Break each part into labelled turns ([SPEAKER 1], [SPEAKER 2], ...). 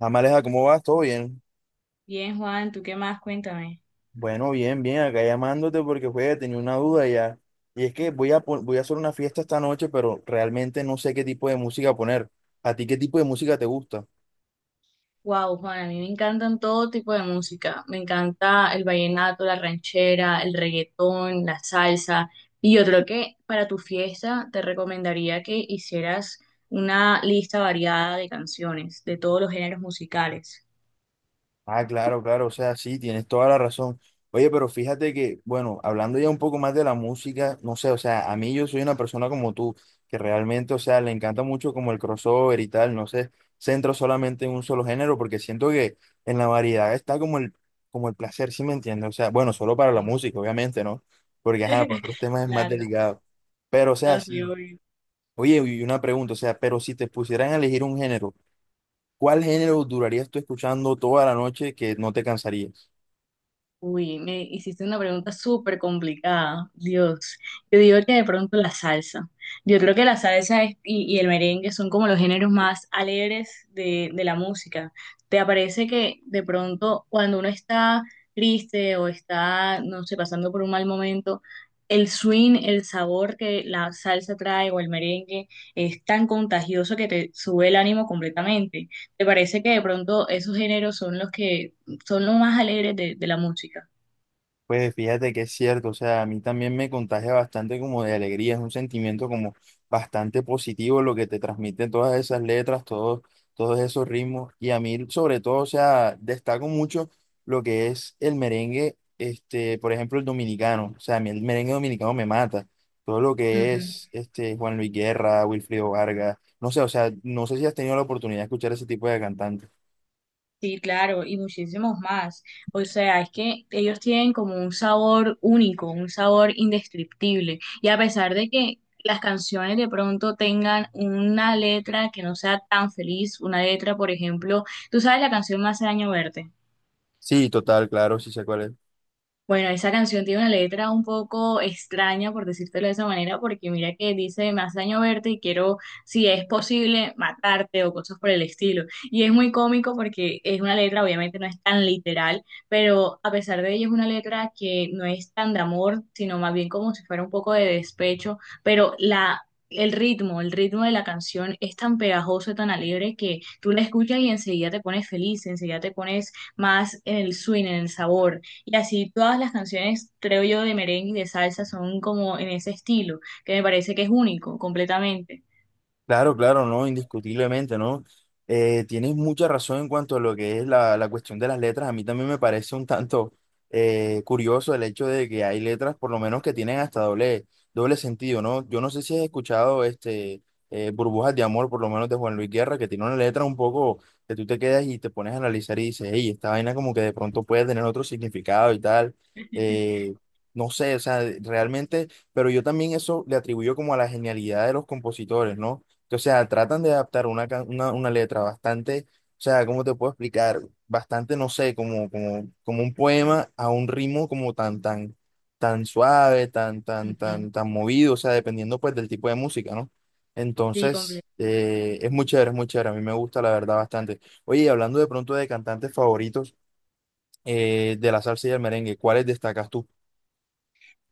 [SPEAKER 1] Amaleja, ¿cómo vas? ¿Todo bien?
[SPEAKER 2] Bien, Juan, ¿tú qué más? Cuéntame.
[SPEAKER 1] Bueno, bien, bien, acá llamándote porque, juega, tenía una duda ya. Y es que voy a hacer una fiesta esta noche, pero realmente no sé qué tipo de música poner. ¿A ti qué tipo de música te gusta?
[SPEAKER 2] Wow, Juan, a mí me encantan todo tipo de música. Me encanta el vallenato, la ranchera, el reggaetón, la salsa. Y yo creo que para tu fiesta te recomendaría que hicieras una lista variada de canciones de todos los géneros musicales.
[SPEAKER 1] Ah, claro, claro, o sea, sí, tienes toda la razón. Oye, pero fíjate que, bueno, hablando ya un poco más de la música, no sé, o sea, a mí yo soy una persona como tú, que realmente, o sea, le encanta mucho como el crossover y tal, no sé, centro solamente en un solo género, porque siento que en la variedad está como el placer, ¿sí me entiendes? O sea, bueno, solo para la música, obviamente, ¿no? Porque, ajá, para otros temas es más
[SPEAKER 2] Claro,
[SPEAKER 1] delicado. Pero, o sea,
[SPEAKER 2] así
[SPEAKER 1] sí.
[SPEAKER 2] obvio.
[SPEAKER 1] Oye, y una pregunta, o sea, pero si te pusieran a elegir un género, ¿cuál género durarías tú escuchando toda la noche que no te cansarías?
[SPEAKER 2] Uy, me hiciste una pregunta súper complicada. Dios, yo digo que de pronto la salsa. Yo creo que la salsa y el merengue son como los géneros más alegres de la música. ¿Te parece que de pronto cuando uno está triste o está, no sé, pasando por un mal momento, el swing, el sabor que la salsa trae o el merengue es tan contagioso que te sube el ánimo completamente? ¿Te parece que de pronto esos géneros son los que son los más alegres de la música?
[SPEAKER 1] Pues fíjate que es cierto, o sea, a mí también me contagia bastante como de alegría, es un sentimiento como bastante positivo lo que te transmiten todas esas letras, todos esos ritmos, y a mí sobre todo, o sea, destaco mucho lo que es el merengue, por ejemplo, el dominicano, o sea, a mí el merengue dominicano me mata, todo lo que
[SPEAKER 2] Ujú.
[SPEAKER 1] es Juan Luis Guerra, Wilfrido Vargas, no sé, o sea, no sé si has tenido la oportunidad de escuchar ese tipo de cantantes.
[SPEAKER 2] Sí, claro, y muchísimos más. O sea, es que ellos tienen como un sabor único, un sabor indescriptible. Y a pesar de que las canciones de pronto tengan una letra que no sea tan feliz, una letra, por ejemplo, tú sabes la canción Me hace daño verte.
[SPEAKER 1] Sí, total, claro, sí sé cuál es.
[SPEAKER 2] Bueno, esa canción tiene una letra un poco extraña, por decírtelo de esa manera, porque mira que dice, me hace daño verte y quiero, si es posible, matarte o cosas por el estilo. Y es muy cómico porque es una letra, obviamente no es tan literal, pero a pesar de ello es una letra que no es tan de amor, sino más bien como si fuera un poco de despecho, pero la... El ritmo de la canción es tan pegajoso, tan alegre que tú la escuchas y enseguida te pones feliz, enseguida te pones más en el swing, en el sabor. Y así todas las canciones, creo yo, de merengue y de salsa son como en ese estilo, que me parece que es único, completamente.
[SPEAKER 1] Claro, claro, no, indiscutiblemente, ¿no? Tienes mucha razón en cuanto a lo que es la, la cuestión de las letras. A mí también me parece un tanto curioso el hecho de que hay letras, por lo menos que tienen hasta doble sentido, ¿no? Yo no sé si has escuchado Burbujas de Amor, por lo menos de Juan Luis Guerra, que tiene una letra un poco que tú te quedas y te pones a analizar y dices, hey, esta vaina como que de pronto puede tener otro significado y tal. Eh, no sé, o sea, realmente, pero yo también eso le atribuyo como a la genialidad de los compositores, ¿no? Que, o sea, tratan de adaptar una letra bastante, o sea, ¿cómo te puedo explicar? Bastante, no sé, como un poema a un ritmo como tan suave, tan, tan,
[SPEAKER 2] Ujú.
[SPEAKER 1] tan, tan movido, o sea, dependiendo pues del tipo de música, ¿no?
[SPEAKER 2] Sí,
[SPEAKER 1] Entonces, es muy chévere, a mí me gusta la verdad bastante. Oye, y hablando de pronto de cantantes favoritos de la salsa y el merengue, ¿cuáles destacas tú?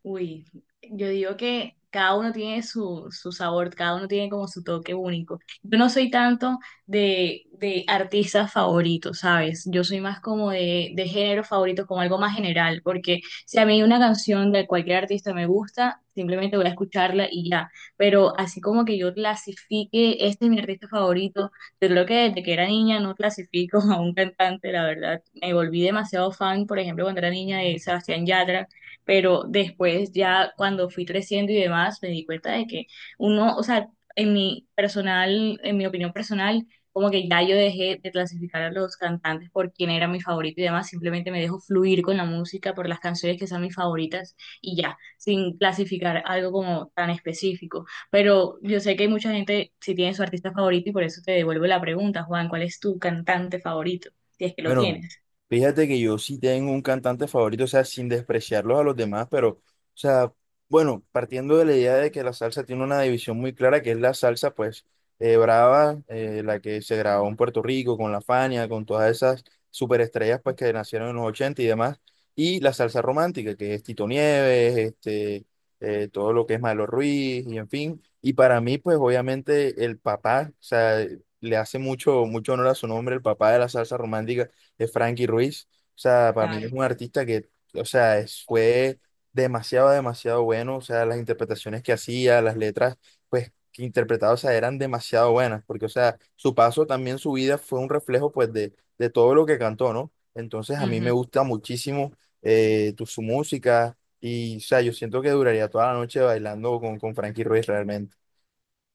[SPEAKER 2] uy, yo digo que cada uno tiene su sabor, cada uno tiene como su toque único. Yo no soy tanto de artistas favoritos, ¿sabes? Yo soy más como de género favorito, como algo más general, porque si a mí una canción de cualquier artista me gusta, simplemente voy a escucharla y ya. Pero así como que yo clasifique, este es mi artista favorito, yo creo que desde que era niña no clasifico a un cantante, la verdad. Me volví demasiado fan, por ejemplo, cuando era niña de Sebastián Yatra, pero después ya cuando fui creciendo y demás, me di cuenta de que uno, o sea, en mi personal, en mi opinión personal, como que ya yo dejé de clasificar a los cantantes por quién era mi favorito y demás, simplemente me dejo fluir con la música por las canciones que sean mis favoritas y ya, sin clasificar algo como tan específico. Pero yo sé que hay mucha gente si tiene su artista favorito y por eso te devuelvo la pregunta, Juan, ¿cuál es tu cantante favorito? Si es que lo
[SPEAKER 1] Bueno,
[SPEAKER 2] tienes.
[SPEAKER 1] fíjate que yo sí tengo un cantante favorito, o sea, sin despreciarlos a los demás, pero, o sea, bueno, partiendo de la idea de que la salsa tiene una división muy clara, que es la salsa, pues, brava, la que se grabó en Puerto Rico, con La Fania, con todas esas superestrellas, pues, que nacieron en los 80 y demás, y la salsa romántica, que es Tito Nieves, todo lo que es Maelo Ruiz, y en fin, y para mí, pues, obviamente, el papá, o sea, le hace mucho, mucho honor a su nombre, el papá de la salsa romántica de Frankie Ruiz. O sea, para mí
[SPEAKER 2] Claro.
[SPEAKER 1] es un artista que, o sea, fue demasiado, demasiado bueno. O sea, las interpretaciones que hacía, las letras, pues, que interpretaba, o sea, eran demasiado buenas. Porque, o sea, su paso también, su vida fue un reflejo, pues, de todo lo que cantó, ¿no? Entonces, a mí me gusta muchísimo tu, su música. Y, o sea, yo siento que duraría toda la noche bailando con Frankie Ruiz realmente.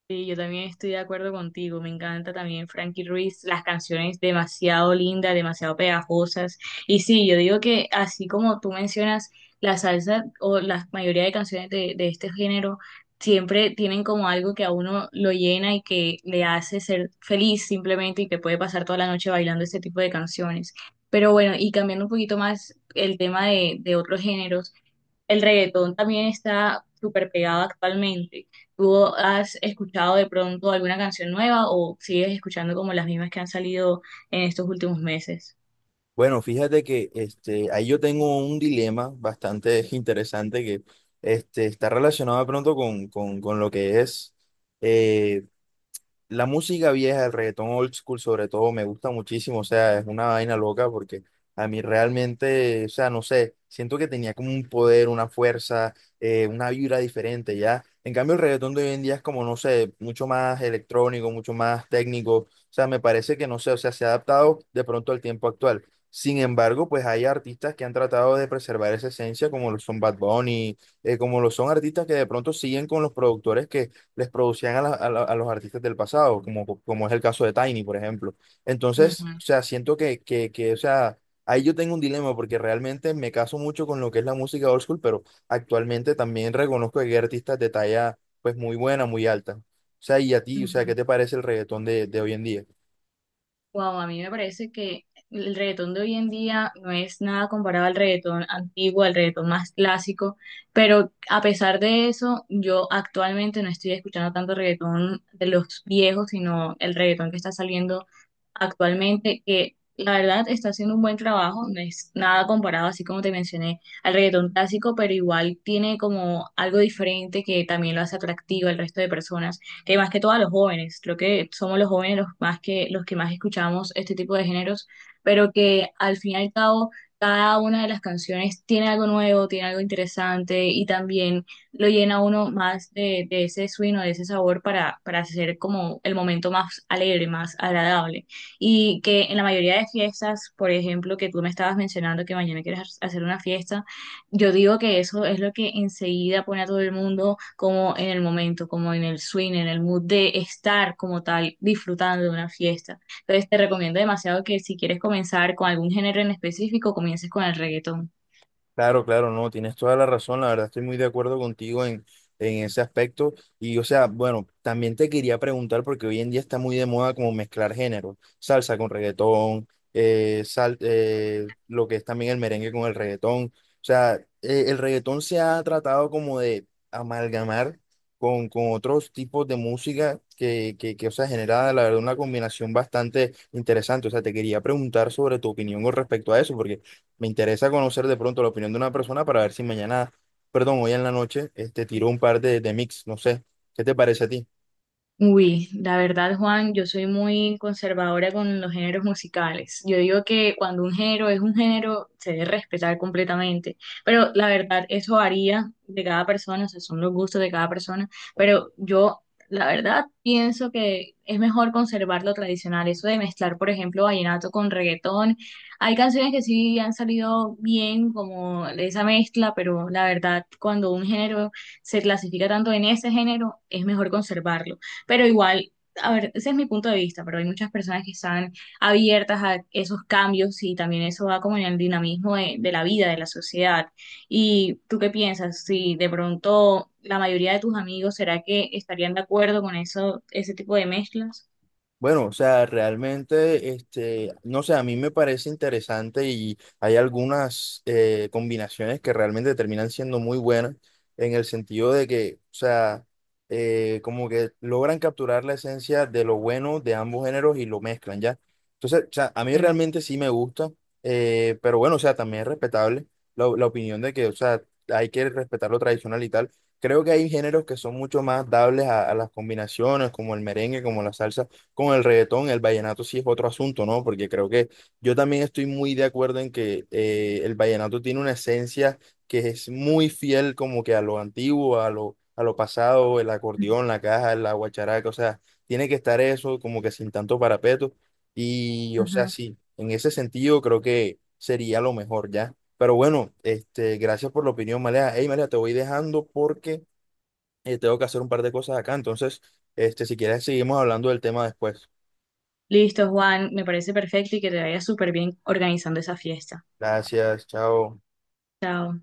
[SPEAKER 2] Sí, yo también estoy de acuerdo contigo. Me encanta también Frankie Ruiz, las canciones demasiado lindas, demasiado pegajosas. Y sí, yo digo que así como tú mencionas, la salsa o la mayoría de canciones de este género siempre tienen como algo que a uno lo llena y que le hace ser feliz simplemente y que puede pasar toda la noche bailando este tipo de canciones. Pero bueno, y cambiando un poquito más el tema de otros géneros. El reggaetón también está súper pegado actualmente. ¿Tú has escuchado de pronto alguna canción nueva o sigues escuchando como las mismas que han salido en estos últimos meses?
[SPEAKER 1] Bueno, fíjate que ahí yo tengo un dilema bastante interesante que está relacionado de pronto con lo que es, eh, la música vieja, el reggaetón old school sobre todo, me gusta muchísimo, o sea, es una vaina loca porque a mí realmente, o sea, no sé, siento que tenía como un poder, una fuerza, una vibra diferente, ¿ya? En cambio, el reggaetón de hoy en día es como, no sé, mucho más electrónico, mucho más técnico, o sea, me parece que, no sé, o sea, se ha adaptado de pronto al tiempo actual. Sin embargo, pues hay artistas que han tratado de preservar esa esencia, como lo son Bad Bunny, como lo son artistas que de pronto siguen con los productores que les producían a los artistas del pasado, como, como es el caso de Tiny, por ejemplo. Entonces, o sea, siento o sea, ahí yo tengo un dilema porque realmente me caso mucho con lo que es la música old school, pero actualmente también reconozco que hay artistas de talla, pues, muy buena, muy alta. O sea, y a ti, o sea, ¿qué te parece el reggaetón de hoy en día?
[SPEAKER 2] Wow, a mí me parece que el reggaetón de hoy en día no es nada comparado al reggaetón antiguo, al reggaetón más clásico, pero a pesar de eso, yo actualmente no estoy escuchando tanto reggaetón de los viejos, sino el reggaetón que está saliendo actualmente, que la verdad está haciendo un buen trabajo, no es nada comparado, así como te mencioné, al reggaetón clásico, pero igual tiene como algo diferente que también lo hace atractivo al resto de personas, que más que todo a los jóvenes, creo que somos los jóvenes los más que, los que más escuchamos este tipo de géneros, pero que al fin y al cabo cada una de las canciones tiene algo nuevo, tiene algo interesante y también lo llena a uno más de ese swing o de ese sabor para hacer como el momento más alegre, más agradable y que en la mayoría de fiestas, por ejemplo, que tú me estabas mencionando que mañana quieres hacer una fiesta, yo digo que eso es lo que enseguida pone a todo el mundo como en el momento, como en el swing, en el mood de estar como tal disfrutando de una fiesta. Entonces te recomiendo demasiado que si quieres comenzar con algún género en específico, comiences con el reggaetón.
[SPEAKER 1] Claro, claro, no, tienes toda la razón, la verdad estoy muy de acuerdo contigo en ese aspecto. Y o sea, bueno, también te quería preguntar, porque hoy en día está muy de moda como mezclar géneros, salsa con reggaetón, lo que es también el merengue con el reggaetón. O sea, el reggaetón se ha tratado como de amalgamar con otros tipos de música o sea, genera, la verdad, una combinación bastante interesante. O sea, te quería preguntar sobre tu opinión con respecto a eso, porque... Me interesa conocer de pronto la opinión de una persona para ver si mañana, perdón, hoy en la noche, tiro un par de mix, no sé. ¿Qué te parece a ti?
[SPEAKER 2] Uy, la verdad, Juan, yo soy muy conservadora con los géneros musicales. Yo digo que cuando un género es un género, se debe respetar completamente. Pero la verdad, eso varía de cada persona, o sea, son los gustos de cada persona. Pero yo, la verdad, pienso que es mejor conservar lo tradicional. Eso de mezclar, por ejemplo, vallenato con reggaetón. Hay canciones que sí han salido bien, como esa mezcla, pero la verdad, cuando un género se clasifica tanto en ese género, es mejor conservarlo. Pero igual, a ver, ese es mi punto de vista, pero hay muchas personas que están abiertas a esos cambios y también eso va como en el dinamismo de la vida, de la sociedad. ¿Y tú qué piensas? Si de pronto la mayoría de tus amigos, ¿será que estarían de acuerdo con eso, ese tipo de mezclas?
[SPEAKER 1] Bueno, o sea, realmente, no sé, a mí me parece interesante y hay algunas combinaciones que realmente terminan siendo muy buenas en el sentido de que, o sea, como que logran capturar la esencia de lo bueno de ambos géneros y lo mezclan, ¿ya? Entonces, o sea, a mí
[SPEAKER 2] Mm,
[SPEAKER 1] realmente sí me gusta, pero bueno, o sea, también es respetable la opinión de que, o sea, hay que respetar lo tradicional y tal. Creo que hay géneros que son mucho más dables a las combinaciones, como el merengue, como la salsa con el reggaetón, el vallenato sí es otro asunto, ¿no? Porque creo que yo también estoy muy de acuerdo en que el vallenato tiene una esencia que es muy fiel como que a lo antiguo, a lo pasado, el acordeón, la caja, la guacharaca, o sea, tiene que estar eso como que sin tanto parapeto. Y, o sea,
[SPEAKER 2] ujú.
[SPEAKER 1] sí, en ese sentido creo que sería lo mejor ya. Pero bueno, gracias por la opinión, Malea. Hey, Malea, te voy dejando porque tengo que hacer un par de cosas acá. Entonces, si quieres, seguimos hablando del tema después.
[SPEAKER 2] Listo, Juan, me parece perfecto y que te vaya súper bien organizando esa fiesta.
[SPEAKER 1] Gracias, chao.
[SPEAKER 2] Chao.